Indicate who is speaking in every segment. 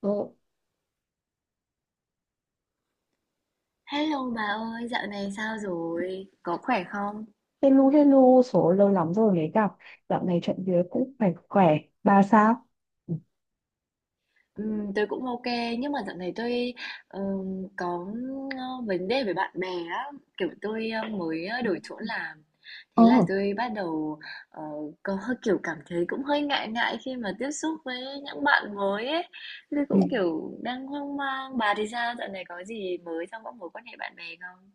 Speaker 1: Ờ,
Speaker 2: Hello bà ơi, dạo này sao rồi? Có khỏe không?
Speaker 1: hello hello, số lâu lắm rồi mới gặp. Dạo này chuyện việc cũng phải khỏe. Bà sao?
Speaker 2: Tôi cũng ok, nhưng mà dạo này tôi có vấn đề với bạn bè á, kiểu tôi mới đổi chỗ làm. Thế là
Speaker 1: ờ
Speaker 2: tôi bắt đầu ờ, có hơi kiểu cảm thấy cũng hơi ngại ngại khi mà tiếp xúc với những bạn mới ấy. Tôi
Speaker 1: ừ,
Speaker 2: cũng kiểu đang hoang mang. Bà thì sao? Dạo này có gì mới trong các mối quan hệ bạn bè không?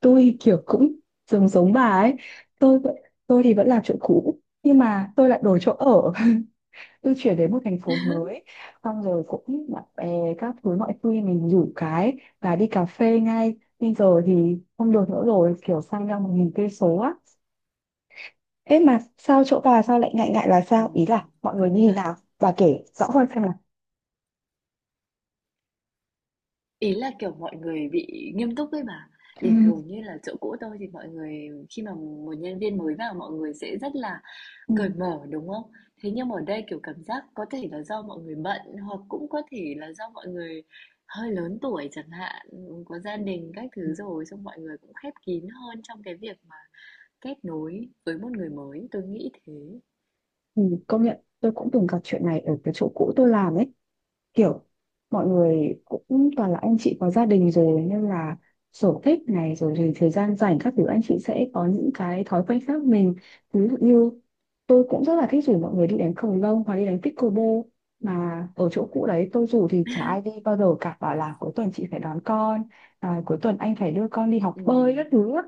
Speaker 1: tôi kiểu cũng giống giống bà ấy. tôi vẫn- tôi thì vẫn làm chỗ cũ nhưng mà tôi lại đổi chỗ ở. Tôi chuyển đến một thành phố mới, xong rồi cũng bạn bè các thứ, mọi khi mình rủ cái và đi cà phê ngay bây giờ thì không được nữa rồi, kiểu sang ra một nghìn cây số á. Ế mà sao chỗ bà sao lại ngại ngại là sao, ý là
Speaker 2: Ừm,
Speaker 1: mọi người
Speaker 2: công
Speaker 1: như thế
Speaker 2: nhận.
Speaker 1: nào, bà kể rõ hơn xem.
Speaker 2: Ý là, kiểu, mọi người bị nghiêm túc ấy bà.
Speaker 1: Ừ.
Speaker 2: Bình thường như là chỗ cũ tôi thì mọi người khi mà một nhân viên mới vào mọi người sẽ rất là
Speaker 1: Ừ.
Speaker 2: cởi mở, đúng không? Thế nhưng mà ở đây, kiểu, cảm giác có thể là do mọi người bận hoặc cũng có thể là do mọi người hơi lớn tuổi chẳng hạn, có gia đình các thứ rồi, xong mọi người cũng khép kín hơn trong cái việc mà kết nối với một người mới, tôi nghĩ thế.
Speaker 1: Ừ. Công nhận tôi cũng từng gặp chuyện này ở cái chỗ cũ tôi làm ấy, kiểu mọi người cũng toàn là anh chị có gia đình rồi, nên là sở thích này rồi thì thời gian rảnh các thứ anh chị sẽ có những cái thói quen khác mình. Ví dụ như tôi cũng rất là thích rủ mọi người đi đánh cầu lông hoặc đi đánh pickleball, mà ở chỗ cũ đấy tôi rủ thì chả ai đi bao giờ cả, bảo là cuối tuần chị phải đón con, à, cuối tuần anh phải đưa con đi học bơi
Speaker 2: Ừm,
Speaker 1: các thứ á.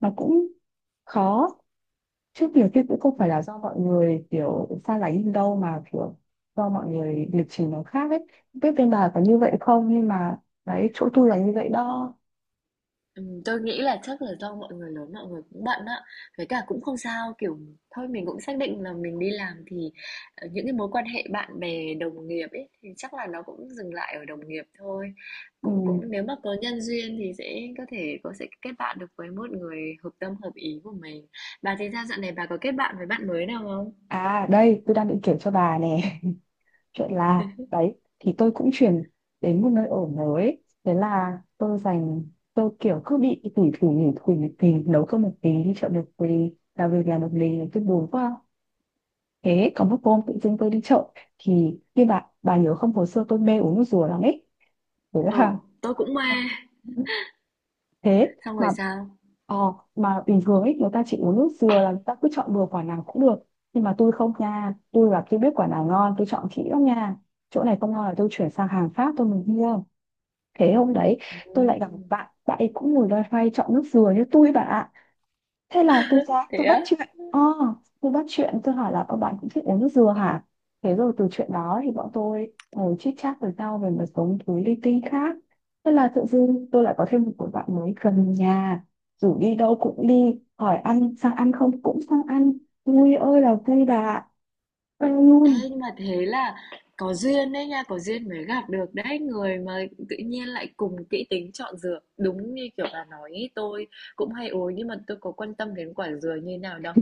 Speaker 1: Nó cũng khó. Trước nhiều khi cũng không phải là
Speaker 2: ừm.
Speaker 1: do mọi người kiểu xa lánh mình đâu, mà kiểu do mọi người lịch trình nó khác ấy. Không biết bên bà có như vậy không, nhưng mà đấy, chỗ tôi là như vậy đó.
Speaker 2: Tôi nghĩ là chắc là do mọi người lớn mọi người cũng bận á, với cả cũng không sao, kiểu, thôi mình cũng xác định là mình đi làm thì, những cái mối quan hệ bạn bè, đồng nghiệp ấy, thì chắc là nó cũng dừng lại ở đồng nghiệp thôi.
Speaker 1: Ừ.
Speaker 2: Cũng cũng nếu mà có nhân duyên thì sẽ có thể có sẽ kết bạn được với một người hợp tâm, hợp ý của mình. Bà thì sao dạo này bà có kết bạn với bạn mới nào không?
Speaker 1: À đây, tôi đang định kể cho bà nè. Chuyện là đấy thì tôi cũng chuyển đến một nơi ở mới. Thế là tôi dành, tôi kiểu cứ bị tủi thủi nhủi thủi nhủi thủi nấu cơm một tí, đi chợ một tí, làm việc làm một mình, tôi buồn quá. Thế có một hôm tự dưng tôi đi chợ, thì như bà nhớ không, hồi xưa tôi mê uống nước dừa lắm ấy. Đấy
Speaker 2: Ừ,
Speaker 1: là.
Speaker 2: tôi cũng mê.
Speaker 1: Ờ. Thế
Speaker 2: Xong rồi
Speaker 1: mà,
Speaker 2: sao?
Speaker 1: ờ, mà bình thường ấy người ta chỉ uống nước dừa là người ta cứ chọn bừa quả nào cũng được, nhưng mà tôi không nha, tôi là tôi biết quả nào ngon, tôi chọn kỹ lắm nha. Chỗ này không ngon là tôi chuyển sang hàng Pháp tôi mới mua. Thế hôm đấy tôi lại gặp một
Speaker 2: Ừm,
Speaker 1: bạn, bạn ấy cũng ngồi loay hoay chọn nước dừa như tôi, bạn ạ. Thế là tôi ra
Speaker 2: Thế
Speaker 1: tôi bắt
Speaker 2: á?
Speaker 1: chuyện, tôi bắt chuyện, tôi hỏi là bạn cũng thích uống nước dừa hả. Thế rồi từ chuyện đó thì bọn tôi ngồi chit chat với nhau về một số thứ linh tinh khác. Thế là tự dưng tôi lại có thêm một người bạn mới gần nhà, rủ đi đâu cũng đi, hỏi ăn sang ăn không cũng sang ăn. Vui ơi là vui bà ạ. Ê
Speaker 2: Ê,
Speaker 1: luôn.
Speaker 2: nhưng mà thế là có duyên đấy nha, có duyên mới gặp được đấy người mà tự nhiên lại cùng kỹ tính chọn dừa. Đúng như kiểu bà nói ý, tôi cũng hay uống nhưng mà tôi có quan tâm đến quả dừa như nào đâu.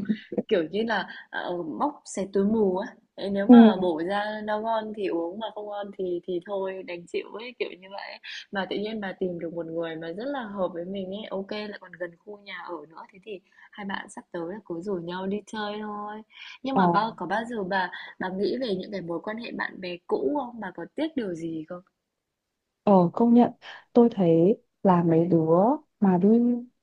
Speaker 2: Kiểu như là móc xé túi mù á. Ê, nếu
Speaker 1: Ừ.
Speaker 2: mà bổ ra nó ngon thì uống mà không ngon thì thôi đành chịu ấy kiểu như vậy. Mà tự nhiên bà tìm được một người mà rất là hợp với mình ấy, ok lại còn gần khu nhà ở nữa thế thì hai bạn sắp tới là cứ rủ nhau đi chơi thôi. Nhưng
Speaker 1: ờ
Speaker 2: mà bao có bao giờ bà nghĩ về những cái mối quan hệ bạn bè cũ không? Bà có tiếc điều gì không?
Speaker 1: Ờ công nhận, tôi thấy là mấy đứa mà đi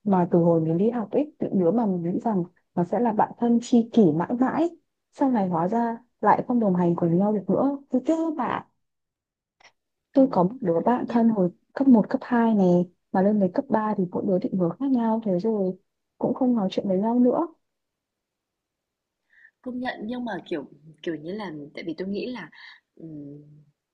Speaker 1: mà từ hồi mình đi học ấy, những đứa mà mình nghĩ rằng nó sẽ là bạn thân tri kỷ mãi mãi, sau này hóa ra lại không đồng hành cùng nhau được nữa, tôi tiếc các bạn.
Speaker 2: Ồ,
Speaker 1: Tôi có một đứa bạn thân
Speaker 2: nhưng
Speaker 1: hồi cấp một cấp 2 này, mà lên đến cấp 3 thì mỗi đứa định hướng khác nhau, thế rồi cũng không nói chuyện với nhau nữa.
Speaker 2: Công nhận nhưng mà, kiểu như là, tại vì tôi nghĩ là, ừm,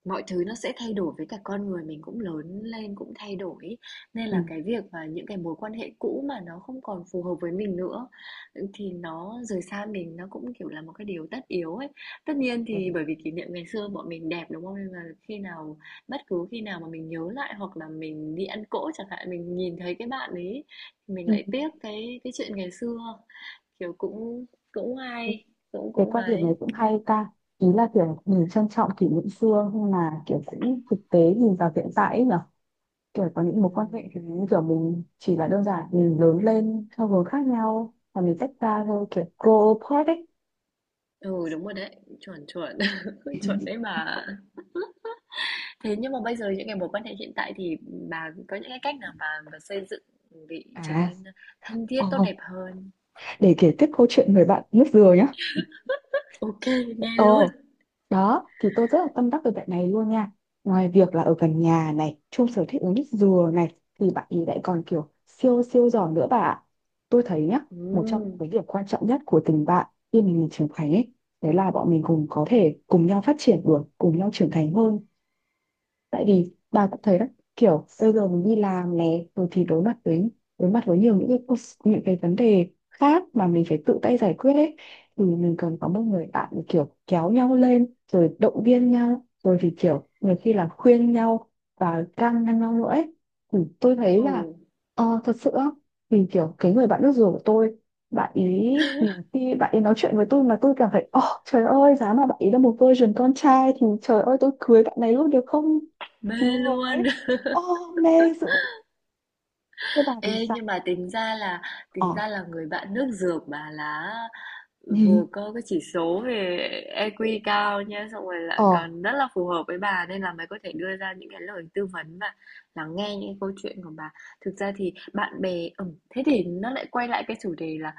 Speaker 2: mọi thứ nó sẽ thay đổi với cả con người mình cũng lớn lên, cũng thay đổi ấy, nên là
Speaker 1: Ừ.
Speaker 2: cái việc và những cái mối quan hệ cũ mà nó không còn phù hợp với mình nữa, ừ, thì nó rời xa mình nó cũng, kiểu, là một cái điều tất yếu ấy. Tất nhiên
Speaker 1: Ừ.
Speaker 2: thì bởi vì kỷ niệm ngày xưa bọn mình đẹp, đúng không? Nên là khi nào bất cứ khi nào mà mình nhớ lại hoặc là mình đi ăn cỗ chẳng hạn, mình nhìn thấy cái bạn ấy, thì mình
Speaker 1: Ừ.
Speaker 2: lại tiếc cái chuyện ngày xưa. Kiểu, cũng cũng hay, cũng
Speaker 1: Cái
Speaker 2: cũng
Speaker 1: quan điểm này
Speaker 2: ấy.
Speaker 1: cũng hay ta, ý là kiểu mình trân trọng kỷ niệm xưa nhưng mà kiểu cũng thực tế nhìn vào hiện tại ấy nhỉ, kiểu có những mối quan
Speaker 2: Ừm.
Speaker 1: hệ thì như kiểu mình chỉ là đơn giản mình lớn lên theo hướng khác nhau và mình tách ra thôi, kiểu grow apart ấy.
Speaker 2: Ừ, đúng rồi đấy, chuẩn, chuẩn, chuẩn đấy bà. Thế nhưng mà bây giờ những cái mối quan hệ hiện tại thì bà có những cái cách nào bà xây dựng để trở
Speaker 1: À,
Speaker 2: nên thân thiết, tốt
Speaker 1: ờ,
Speaker 2: đẹp hơn?
Speaker 1: để kể tiếp câu chuyện người bạn nước dừa nhá.
Speaker 2: Ok, nghe
Speaker 1: ờ
Speaker 2: luôn.
Speaker 1: Đó thì tôi rất là tâm đắc về bạn này luôn nha, ngoài việc là ở gần nhà này, chung sở thích uống nước dừa này, thì bạn ấy lại còn kiểu siêu siêu giỏi nữa bà ạ. Tôi thấy nhá, một trong những
Speaker 2: Ừ.
Speaker 1: cái điểm quan trọng nhất của tình bạn khi mình trưởng thành ấy, đấy là bọn mình cùng có thể cùng nhau phát triển được, cùng nhau trưởng thành hơn. Tại vì bà cũng thấy đó, kiểu bây giờ mình đi làm này rồi thì đối mặt với, đối mặt với nhiều những cái những cái vấn đề khác mà mình phải tự tay giải quyết ấy, thì mình cần có một người bạn để kiểu kéo nhau lên rồi động viên nhau rồi thì kiểu nhiều khi là khuyên nhau và can ngăn nhau nữa ấy. Thì tôi thấy
Speaker 2: Ừ,
Speaker 1: là thật sự á, thì kiểu cái người bạn nước dừa của tôi, bạn ý nhiều khi bạn ấy nói chuyện với tôi mà tôi cảm thấy ồ trời ơi giá mà bạn ấy là một version con trai thì trời ơi tôi cưới bạn này luôn được không.
Speaker 2: mê
Speaker 1: Chú
Speaker 2: luôn.
Speaker 1: với. Ô mê dữ. Thế bà thì
Speaker 2: Ê,
Speaker 1: sao?
Speaker 2: nhưng mà tính ra là
Speaker 1: Ờ
Speaker 2: tính ra là người bạn nước dược bà là vừa
Speaker 1: gì.
Speaker 2: có cái chỉ số về EQ cao nha, xong rồi
Speaker 1: Ờ
Speaker 2: lại còn rất là phù hợp với bà nên là mày có thể đưa ra những cái lời tư vấn và lắng nghe những cái câu chuyện của bà. Thực ra thì bạn bè thế thì nó lại quay lại cái chủ đề là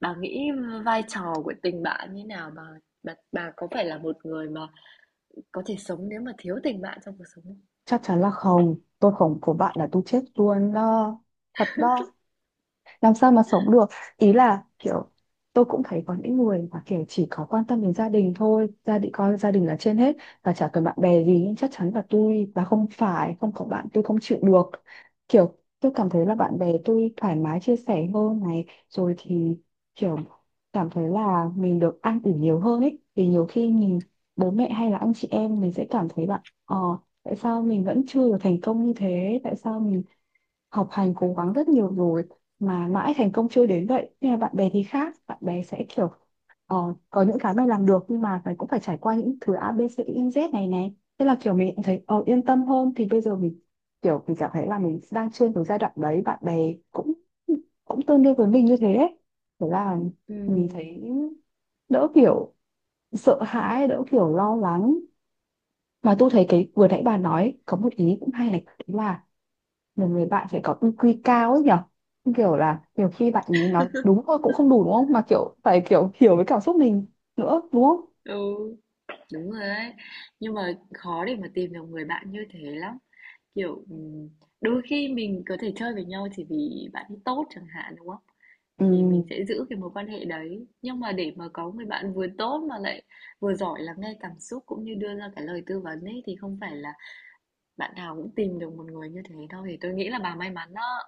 Speaker 2: bà nghĩ vai trò của tình bạn như nào bà, bà, có phải là một người mà có thể sống nếu mà thiếu tình bạn trong cuộc sống không?
Speaker 1: chắc chắn là không. Tôi không của bạn là tôi chết luôn đó. Thật đó. Làm sao mà sống được, ý là kiểu tôi cũng thấy có những người mà kiểu chỉ có quan tâm đến gia đình thôi, gia đình coi gia đình là trên hết và chả cần bạn bè gì. Nhưng chắc chắn là tôi và không phải không có bạn, tôi không chịu được. Kiểu tôi cảm thấy là bạn bè tôi thoải mái chia sẻ hơn này, rồi thì kiểu cảm thấy là mình được ăn ủi nhiều hơn ấy, vì nhiều khi mình bố mẹ hay là anh chị em mình sẽ cảm thấy bạn, tại sao mình vẫn chưa được thành công như thế, tại sao mình học hành cố gắng rất nhiều rồi mà mãi thành công chưa đến vậy. Nhưng mà bạn bè thì khác, bạn bè sẽ kiểu ờ, có những cái mày làm được, nhưng mà mày cũng phải trải qua những thứ A B C Y Z này này, thế là kiểu mình cũng thấy yên tâm hơn. Thì bây giờ mình kiểu mình cảm thấy là mình đang trên cái giai đoạn đấy, bạn bè cũng cũng tương đương với mình như thế đấy. Thế là
Speaker 2: Ừ.
Speaker 1: mình thấy đỡ kiểu sợ hãi, đỡ kiểu lo lắng. Mà tôi thấy cái vừa nãy bà nói có một ý cũng hay này, đấy là một người bạn phải có EQ cao ấy nhở, kiểu là nhiều khi bạn ấy nói đúng thôi cũng không đủ đúng không, mà kiểu phải kiểu hiểu với cảm xúc mình nữa đúng không.
Speaker 2: Ừ. Đúng rồi ấy. Nhưng mà khó để mà tìm được người bạn như thế lắm. Kiểu, đôi khi mình có thể chơi với nhau chỉ vì bạn ấy tốt chẳng hạn đúng không?
Speaker 1: Ừ.
Speaker 2: Thì mình sẽ giữ cái mối quan hệ đấy. Nhưng mà để mà có người bạn vừa tốt mà lại vừa giỏi lắng nghe cảm xúc cũng như đưa ra cái lời tư vấn ấy thì không phải là bạn nào cũng tìm được một người như thế đâu. Thì tôi nghĩ là bà may mắn đó.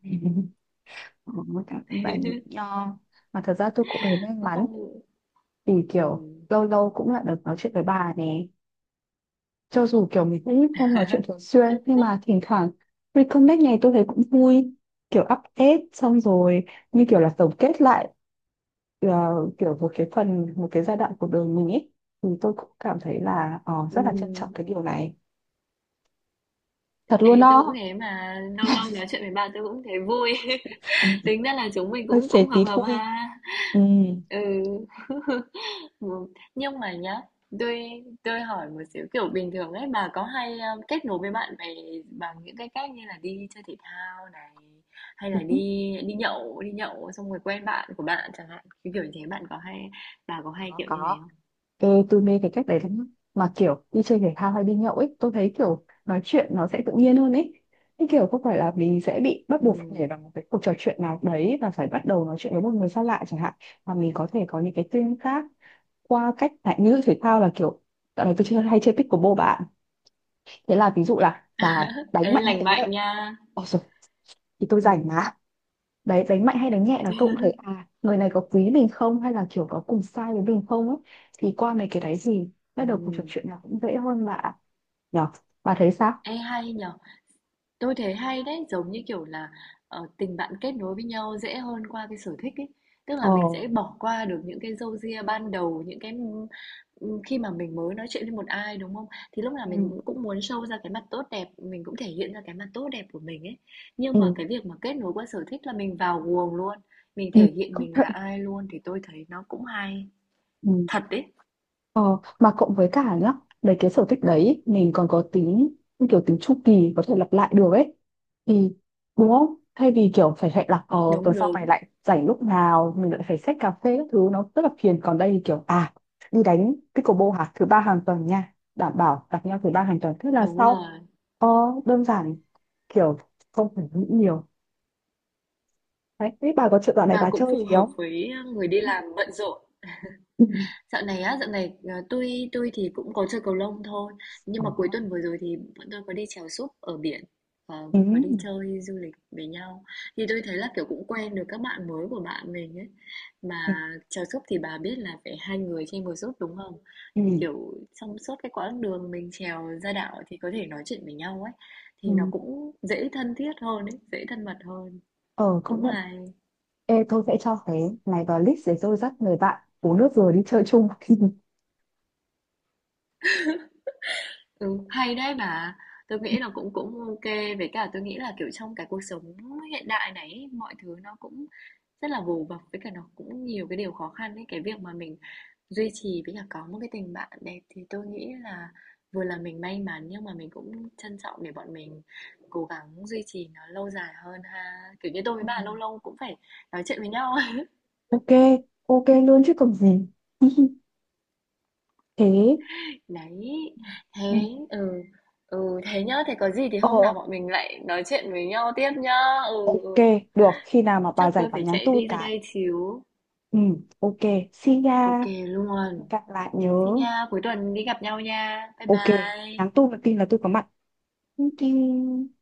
Speaker 1: Ôi, cảm ơn bà nhiều nho, mà thật ra tôi cũng thấy may
Speaker 2: Tôi
Speaker 1: mắn,
Speaker 2: không
Speaker 1: vì kiểu
Speaker 2: ừm.
Speaker 1: lâu lâu cũng lại được nói chuyện với bà này, cho dù kiểu mình cũng không nói chuyện thường xuyên, nhưng mà thỉnh thoảng reconnect này tôi thấy cũng vui, kiểu update xong rồi như kiểu là tổng kết lại ờ, kiểu một cái phần, một cái giai đoạn cuộc đời mình ấy, thì tôi cũng cảm thấy là rất là trân trọng
Speaker 2: Ừm.
Speaker 1: cái điều này, thật luôn
Speaker 2: Ê, tôi cũng
Speaker 1: đó.
Speaker 2: thế mà lâu lâu nói chuyện với bà tôi cũng thấy vui. Tính ra là chúng mình
Speaker 1: Hơi
Speaker 2: cũng
Speaker 1: xế
Speaker 2: cũng hợp
Speaker 1: tí
Speaker 2: hợp
Speaker 1: phui.
Speaker 2: ha.
Speaker 1: Ừ,
Speaker 2: Ừ. Ừ. Nhưng mà nhá, tôi hỏi một xíu kiểu bình thường ấy bà có hay kết nối với bạn bè bằng những cái cách như là đi chơi thể thao này hay là đi
Speaker 1: đúng.
Speaker 2: đi nhậu xong rồi quen bạn của bạn chẳng hạn. Cái kiểu như thế bạn có hay bà có hay
Speaker 1: có
Speaker 2: kiểu như thế
Speaker 1: có
Speaker 2: không?
Speaker 1: tôi mê cái cách đấy lắm, mà kiểu đi chơi thể thao hay đi nhậu ấy, tôi thấy kiểu nói chuyện nó sẽ tự nhiên hơn ấy, cái kiểu không phải là mình sẽ bị bắt
Speaker 2: Ừ.
Speaker 1: buộc phải nhảy vào một cái cuộc trò chuyện nào đấy và phải bắt đầu nói chuyện với một người xa lạ chẳng hạn, mà mình có thể có những cái tương tác qua cách lại, như thể thao là kiểu dạo này tôi chơi hay chơi pickleball bạn, thế là ví dụ là bà đánh
Speaker 2: Ê,
Speaker 1: mạnh hay
Speaker 2: lành
Speaker 1: đánh
Speaker 2: mạnh
Speaker 1: nhẹ.
Speaker 2: nha.
Speaker 1: Ôi rồi, thì tôi rảnh
Speaker 2: Ừ.
Speaker 1: mà. Đấy, đánh mạnh hay đánh nhẹ là tôi cũng thấy à người này có quý mình không, hay là kiểu có cùng sai với mình không ấy. Thì qua mấy cái đấy gì, bắt
Speaker 2: Ừ.
Speaker 1: đầu cuộc trò chuyện là cũng dễ hơn bà nhở. Bà thấy sao?
Speaker 2: Ê, hay nhở. Tôi thấy hay đấy, giống như kiểu là tình bạn kết nối với nhau dễ hơn qua cái sở thích ấy. Tức
Speaker 1: ờ
Speaker 2: là mình sẽ bỏ qua được những cái râu ria ban đầu, những cái khi mà mình mới nói chuyện với một ai đúng không? Thì lúc nào
Speaker 1: ừ
Speaker 2: mình cũng cũng muốn show ra cái mặt tốt đẹp, mình cũng thể hiện ra cái mặt tốt đẹp của mình ấy. Nhưng mà
Speaker 1: ừ,
Speaker 2: cái việc mà kết nối qua sở thích là mình vào guồng luôn, mình
Speaker 1: ừ.
Speaker 2: thể hiện
Speaker 1: Công
Speaker 2: mình là
Speaker 1: nhận.
Speaker 2: ai luôn thì tôi thấy nó cũng hay.
Speaker 1: Ừ.
Speaker 2: Thật đấy,
Speaker 1: Ờ, mà cộng với cả nhá, đấy cái sở thích đấy mình còn có tính như kiểu tính chu kỳ, có thể lặp lại được ấy, thì đúng không? Thay vì kiểu phải hẹn là tuần
Speaker 2: đúng
Speaker 1: sau mày
Speaker 2: đúng,
Speaker 1: lại rảnh lúc nào, mình lại phải xách cà phê các thứ, nó rất là phiền. Còn đây thì kiểu à đi đánh pickleball hả, thứ ba hàng tuần nha, đảm bảo gặp nhau thứ ba hàng tuần, thế là
Speaker 2: đúng
Speaker 1: sau.
Speaker 2: rồi.
Speaker 1: ờ, Đơn giản, kiểu không phải nghĩ nhiều. Đấy thế bà có chuyện đoạn này
Speaker 2: Mà
Speaker 1: bà
Speaker 2: cũng
Speaker 1: chơi
Speaker 2: phù
Speaker 1: gì
Speaker 2: hợp
Speaker 1: không?
Speaker 2: với người đi làm bận rộn.
Speaker 1: Ừ.
Speaker 2: Dạo này, tui thì cũng có chơi cầu lông thôi, nhưng
Speaker 1: Ừ.
Speaker 2: mà cuối tuần vừa rồi thì bọn tôi có đi chèo súp ở biển,
Speaker 1: Ừ.
Speaker 2: và có đi chơi du lịch với nhau. Thì tôi thấy là kiểu cũng quen được các bạn mới của bạn mình ấy.
Speaker 1: Ừ.
Speaker 2: Mà chèo súp thì bà biết là phải hai người trên một súp đúng không? Thì
Speaker 1: Ừ.
Speaker 2: kiểu trong suốt cái quãng đường mình chèo ra đảo thì có thể nói chuyện với nhau ấy, thì nó
Speaker 1: Ừ.
Speaker 2: cũng dễ thân thiết hơn ấy, dễ thân mật hơn.
Speaker 1: Ờ, công
Speaker 2: Cũng
Speaker 1: nhận.
Speaker 2: hay.
Speaker 1: Ê, tôi sẽ cho cái này vào list để tôi dắt người bạn uống nước rồi đi chơi chung.
Speaker 2: Ừ, hay đấy mà. Tôi nghĩ là cũng cũng ok, với cả tôi nghĩ là, kiểu, trong cái cuộc sống hiện đại này ấy, mọi thứ nó cũng rất là vồ vập, với cả nó cũng nhiều cái điều khó khăn ấy. Cái việc mà mình duy trì với cả có một cái tình bạn đẹp thì tôi nghĩ là vừa là mình may mắn nhưng mà mình cũng trân trọng để bọn mình cố gắng duy trì nó lâu dài hơn ha. Kiểu như tôi với
Speaker 1: Ừ.
Speaker 2: bà lâu lâu cũng phải nói chuyện với nhau.
Speaker 1: Ok, ok luôn chứ còn gì. Thế,
Speaker 2: Đấy,
Speaker 1: ừ,
Speaker 2: thế ừ, ừ, thế nhá, thế có gì thì
Speaker 1: ờ,
Speaker 2: hôm nào bọn mình lại nói chuyện với nhau tiếp nhá. Ừ,
Speaker 1: ok,
Speaker 2: ừ.
Speaker 1: được. Khi nào mà bà
Speaker 2: Chắc
Speaker 1: rảnh
Speaker 2: tôi
Speaker 1: bà
Speaker 2: phải
Speaker 1: nhắn
Speaker 2: chạy
Speaker 1: tôi
Speaker 2: đi ra
Speaker 1: cái.
Speaker 2: đây xíu.
Speaker 1: Ừ, ok, see
Speaker 2: Ok
Speaker 1: ya.
Speaker 2: luôn.
Speaker 1: Gặp lại nhớ.
Speaker 2: Xin nha, cuối tuần đi gặp nhau nha. Bye
Speaker 1: Ok,
Speaker 2: bye.
Speaker 1: nhắn tôi một tin là tôi có mặt. Thank you.